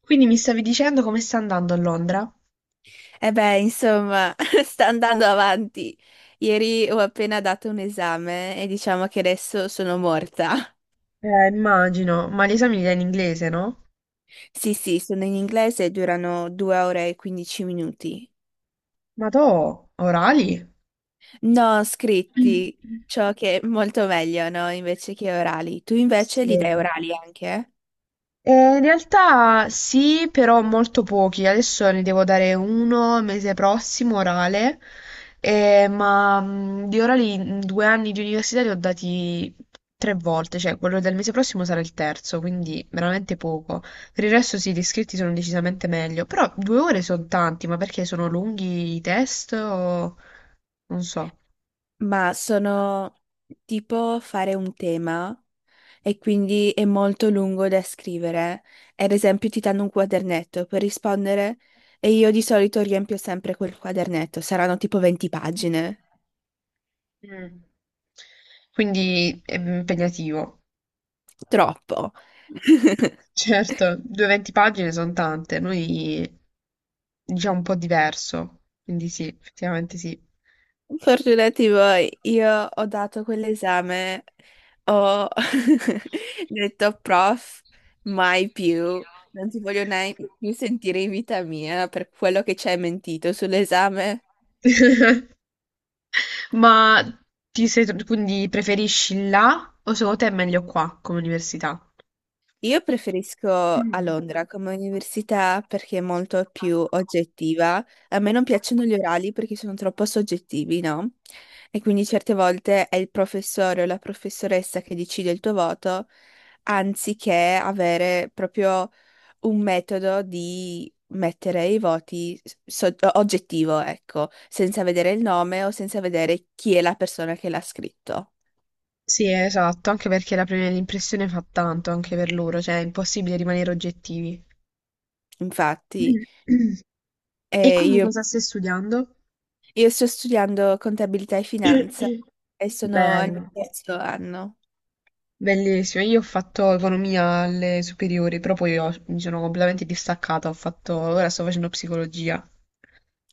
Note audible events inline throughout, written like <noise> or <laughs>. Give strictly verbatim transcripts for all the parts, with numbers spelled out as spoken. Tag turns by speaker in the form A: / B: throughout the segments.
A: Quindi mi stavi dicendo come sta andando a Londra?
B: E beh, insomma, <laughs> sta andando avanti. Ieri ho appena dato un esame e diciamo che adesso sono morta. <laughs>
A: Eh, immagino, ma gli esami li dai in inglese, no?
B: Sì, sì, sono in inglese e durano due ore e quindici minuti.
A: Ma to, orali? <clears throat>
B: No,
A: Mm.
B: scritti, ciò che è molto meglio, no? Invece che orali. Tu invece
A: Sì.
B: li dai orali anche?
A: Eh, in realtà sì, però molto pochi. Adesso ne devo dare uno mese prossimo, orale. Eh, ma mh, di orali in due anni di università li ho dati tre volte, cioè quello del mese prossimo sarà il terzo, quindi veramente poco. Per il resto sì, gli iscritti sono decisamente meglio, però due ore sono tanti, ma perché sono lunghi i test o non so.
B: Ma sono tipo fare un tema e quindi è molto lungo da scrivere. Ad esempio, ti danno un quadernetto per rispondere e io di solito riempio sempre quel quadernetto, saranno tipo venti pagine.
A: Mm. Quindi è impegnativo.
B: Troppo. <laughs>
A: Certo, duecentoventi pagine sono tante, noi diciamo un po' diverso, quindi sì, effettivamente sì.
B: Fortunati voi, io ho dato quell'esame, ho <laughs> detto prof, mai più, non ti voglio mai più sentire in vita mia per quello che ci hai mentito sull'esame.
A: <laughs> Ma ti sei, quindi preferisci là o secondo te è meglio qua come università?
B: Io preferisco a Londra come università perché è molto più oggettiva. A me non piacciono gli orali perché sono troppo soggettivi, no? E quindi certe volte è il professore o la professoressa che decide il tuo voto, anziché avere proprio un metodo di mettere i voti so- oggettivo, ecco, senza vedere il nome o senza vedere chi è la persona che l'ha scritto.
A: Sì, esatto, anche perché la prima impressione fa tanto anche per loro, cioè è impossibile rimanere oggettivi.
B: Infatti.
A: <clears throat> E
B: eh,
A: quindi
B: io
A: cosa stai studiando?
B: Io sto studiando contabilità e finanza e
A: <coughs>
B: sono al mio
A: Bello,
B: terzo anno.
A: bellissimo. Io ho fatto economia alle superiori, però poi ho- mi sono completamente distaccata. Ho fatto, ora sto facendo psicologia.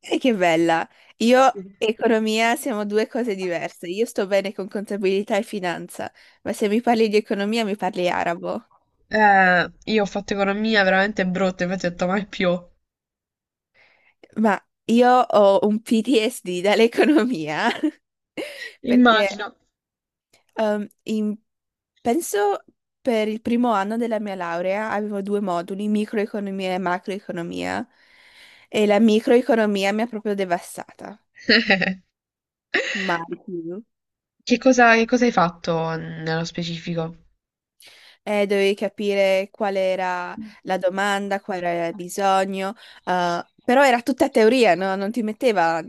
B: E che bella! Io
A: Sì.
B: e economia siamo due cose diverse. Io sto bene con contabilità e finanza, ma se mi parli di economia mi parli arabo.
A: Eh, io ho fatto economia veramente brutta, infatti ho detto mai più.
B: Ma io ho un P T S D dall'economia, <laughs> perché
A: Immagino.
B: Ehm, in- penso per il primo anno della mia laurea avevo due moduli, microeconomia e macroeconomia, e la microeconomia mi ha proprio devastata.
A: <laughs>
B: Mai più.
A: Che cosa, che cosa hai fatto nello specifico?
B: Eh, dovevi capire qual era
A: Mh.
B: la domanda, qual era il bisogno, eh, però era tutta teoria, no? Non ti metteva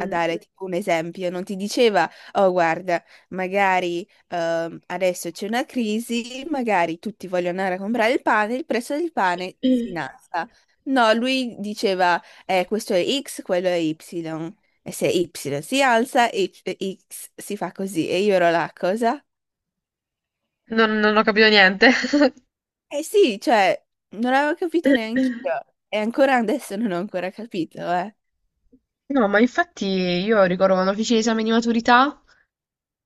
B: a dare tipo, un esempio, non ti diceva, oh guarda, magari ehm, adesso c'è una crisi, magari tutti vogliono andare a comprare il pane, il prezzo del pane si
A: Mh.
B: innalza. No, lui diceva, eh, questo è X, quello è Y. E se Y si alza, Y X si fa così. E io ero là, cosa?
A: Non non ho capito niente. <coughs>
B: Eh sì, cioè, non avevo capito neanche io.
A: <laughs>
B: E ancora adesso non ho ancora capito, eh.
A: No, ma infatti io ricordo quando feci l'esame di maturità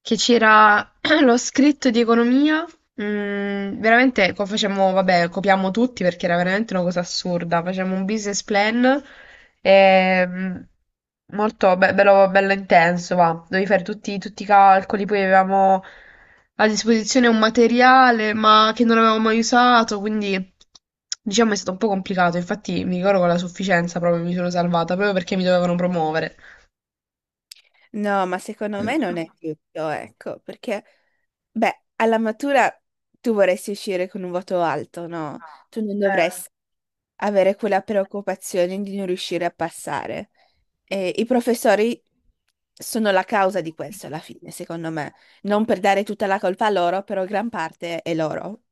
A: che c'era <clears throat> lo scritto di economia. Mm, veramente co- facciamo, vabbè, copiamo tutti perché era veramente una cosa assurda. Facciamo un business plan, ehm, molto be- bello, bello intenso, va. Dovevi fare tutti, tutti i calcoli, poi avevamo a disposizione un materiale ma che non avevamo mai usato, quindi diciamo è stato un po' complicato. Infatti mi ricordo con la sufficienza proprio mi sono salvata, proprio perché mi dovevano promuovere.
B: No, ma secondo me non
A: <clears throat>
B: è tutto, ecco, perché, beh, alla matura tu vorresti uscire con un voto alto, no? Tu non
A: Eh,
B: dovresti avere quella preoccupazione di non riuscire a passare. E i professori sono la causa di questo alla fine, secondo me. Non per dare tutta la colpa a loro, però gran parte è loro.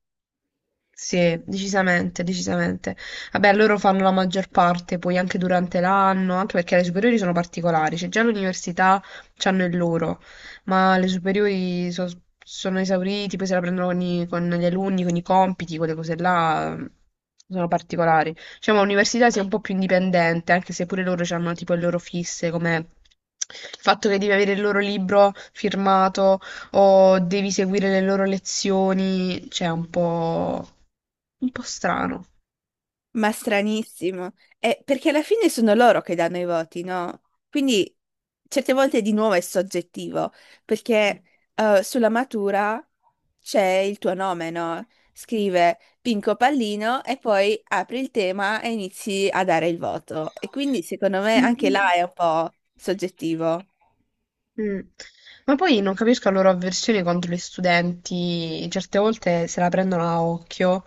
A: sì, decisamente, decisamente. Vabbè, loro fanno la maggior parte, poi anche durante l'anno, anche perché le superiori sono particolari, cioè già l'università c'hanno il loro, ma le superiori so- sono esauriti, poi se la prendono con, i- con gli alunni, con i compiti, quelle cose là, eh, sono particolari. Diciamo, l'università sia un po' più indipendente, anche se pure loro hanno tipo le loro fisse, come il fatto che devi avere il loro libro firmato o devi seguire le loro lezioni, cioè un po'... Un po' strano.
B: Ma stranissimo. Eh, perché alla fine sono loro che danno i voti, no? Quindi certe volte di nuovo è soggettivo, perché eh, sulla matura c'è il tuo nome, no? Scrive Pinco Pallino e poi apri il tema e inizi a dare il voto. E quindi secondo me anche là è un po' soggettivo.
A: Mm. Ma poi non capisco la loro avversione contro gli studenti, certe volte se la prendono a occhio.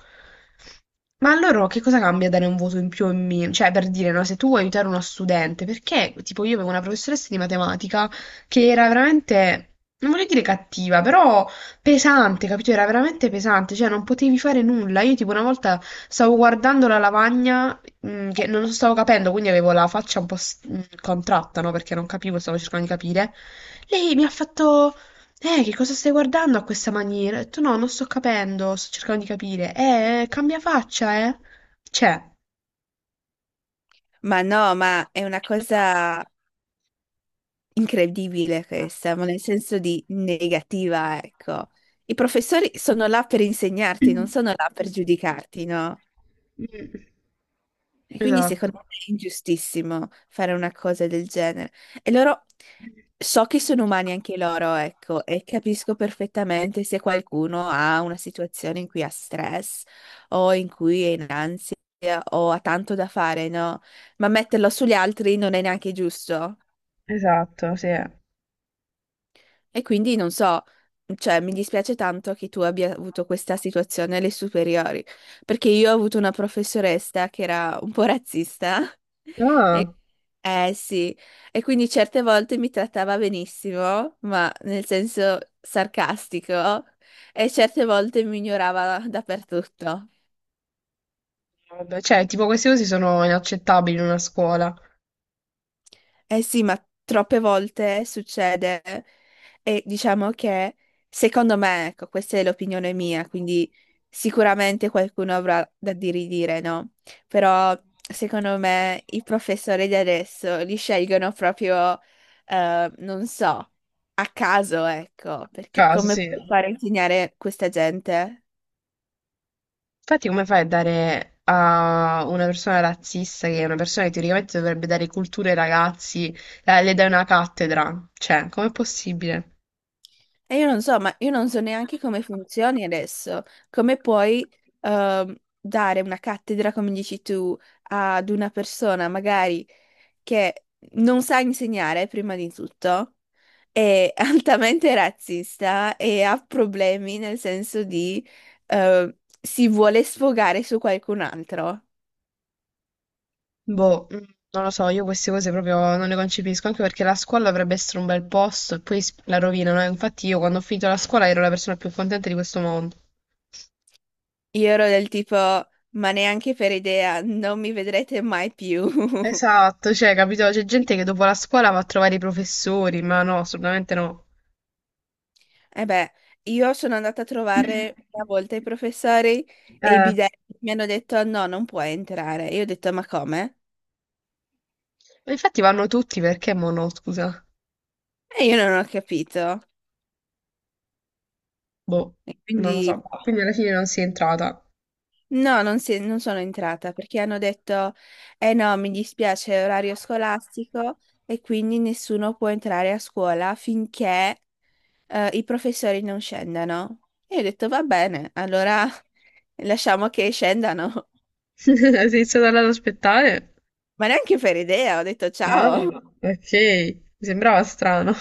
A: Ma a loro che cosa cambia dare un voto in più o in meno? Cioè, per dire, no, se tu vuoi aiutare uno studente, perché, tipo, io avevo una professoressa di matematica che era veramente, non voglio dire cattiva, però pesante, capito? Era veramente pesante, cioè non potevi fare nulla. Io, tipo, una volta stavo guardando la lavagna, mm, che non stavo capendo, quindi avevo la faccia un po' s- mm, contratta, no? Perché non capivo, stavo cercando di capire. Lei mi ha fatto, eh, che cosa stai guardando a questa maniera? Ho detto, no, non sto capendo, sto cercando di capire. Eh, cambia faccia, eh. Cioè,
B: Ma no, ma è una cosa incredibile questa, ma nel senso di negativa, ecco. I professori sono là per insegnarti, non
A: mm.
B: sono là per giudicarti, no?
A: Mm.
B: E quindi secondo
A: Esatto.
B: me è ingiustissimo fare una cosa del genere. E loro, so che sono umani anche loro, ecco, e capisco perfettamente se qualcuno ha una situazione in cui ha stress o in cui è in ansia o ha tanto da fare, no? Ma metterlo sugli altri non è neanche giusto.
A: Esatto, sì. Ah,
B: E quindi non so, cioè mi dispiace tanto che tu abbia avuto questa situazione alle superiori, perché io ho avuto una professoressa che era un po' razzista. <laughs> E, eh sì, e quindi certe volte mi trattava benissimo, ma nel senso sarcastico, e certe volte mi ignorava dappertutto.
A: vabbè, cioè, tipo queste cose sono inaccettabili in una scuola.
B: Eh sì, ma troppe volte succede e diciamo che secondo me, ecco, questa è l'opinione mia, quindi sicuramente qualcuno avrà da di ridire, no? Però secondo me i professori di adesso li scelgono proprio, eh, non so, a caso, ecco, perché
A: Caso,
B: come
A: sì.
B: puoi fare a insegnare questa gente?
A: Infatti, come fai a dare a una persona razzista, che è una persona che teoricamente dovrebbe dare cultura ai ragazzi, la- le dai una cattedra? Cioè, com'è possibile?
B: E io non so, ma io non so neanche come funzioni adesso, come puoi ehm, dare una cattedra, come dici tu, ad una persona magari che non sa insegnare, prima di tutto, è <laughs> altamente razzista e ha problemi nel senso di eh, si vuole sfogare su qualcun altro.
A: Boh, mm, non lo so, io queste cose proprio non le concepisco, anche perché la scuola dovrebbe essere un bel posto e poi s- la rovinano, eh. Infatti io quando ho finito la scuola ero la persona più contenta di questo mondo.
B: Io ero del tipo, ma neanche per idea, non mi vedrete mai più. <laughs>
A: Esatto, cioè, capito? C'è gente che dopo la scuola va a trovare i professori, ma no, assolutamente no.
B: Eh beh, io sono andata a trovare una
A: <coughs>
B: volta i professori e i
A: Eh,
B: bidelli mi hanno detto no, non puoi entrare. E io ho detto ma come?
A: ma infatti vanno tutti perché mo no, scusa.
B: E io non ho capito.
A: Boh,
B: E
A: non lo
B: quindi
A: so.
B: boh,
A: Quindi alla fine non sei entrata.
B: no, non, si- non sono entrata perché hanno detto eh no, mi dispiace, è orario scolastico e quindi nessuno può entrare a scuola finché eh, i professori non scendano. E io ho detto va bene, allora <laughs> lasciamo che scendano.
A: <laughs> Sei stata là ad aspettare?
B: Ma neanche per idea, ho detto
A: Ah,
B: ciao.
A: ok, mi sembrava strano.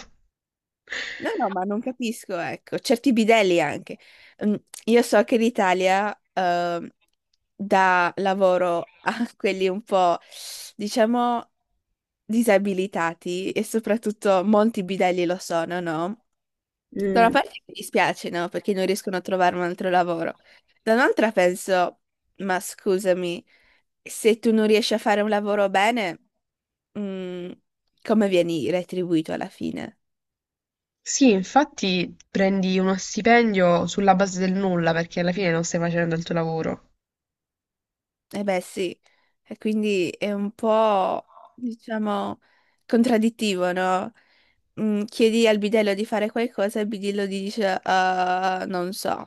B: No, no, ma non capisco, ecco, certi bidelli anche. Mm, Io so che l'Italia ehm, dà lavoro a <laughs> quelli un po', diciamo, disabilitati e soprattutto molti bidelli lo sono, no? Da una
A: Mm,
B: parte mi dispiace, no? Perché non riescono a trovare un altro lavoro. Da un'altra penso, ma scusami, se tu non riesci a fare un lavoro bene, mm, come vieni retribuito alla fine?
A: sì, infatti prendi uno stipendio sulla base del nulla perché alla fine non stai facendo il tuo lavoro.
B: Eh beh, sì, e quindi è un po', diciamo, contraddittivo, no? Mm, chiedi al bidello di fare qualcosa e il bidello ti dice, "Ah, non so."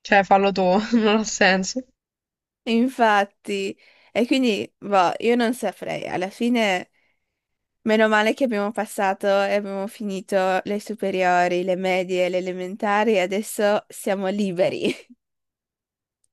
A: Cioè, fallo tu, <laughs> non ha senso.
B: Infatti, e quindi, boh, io non saprei. Alla fine, meno male che abbiamo passato e abbiamo finito le superiori, le medie, le elementari, e adesso siamo liberi.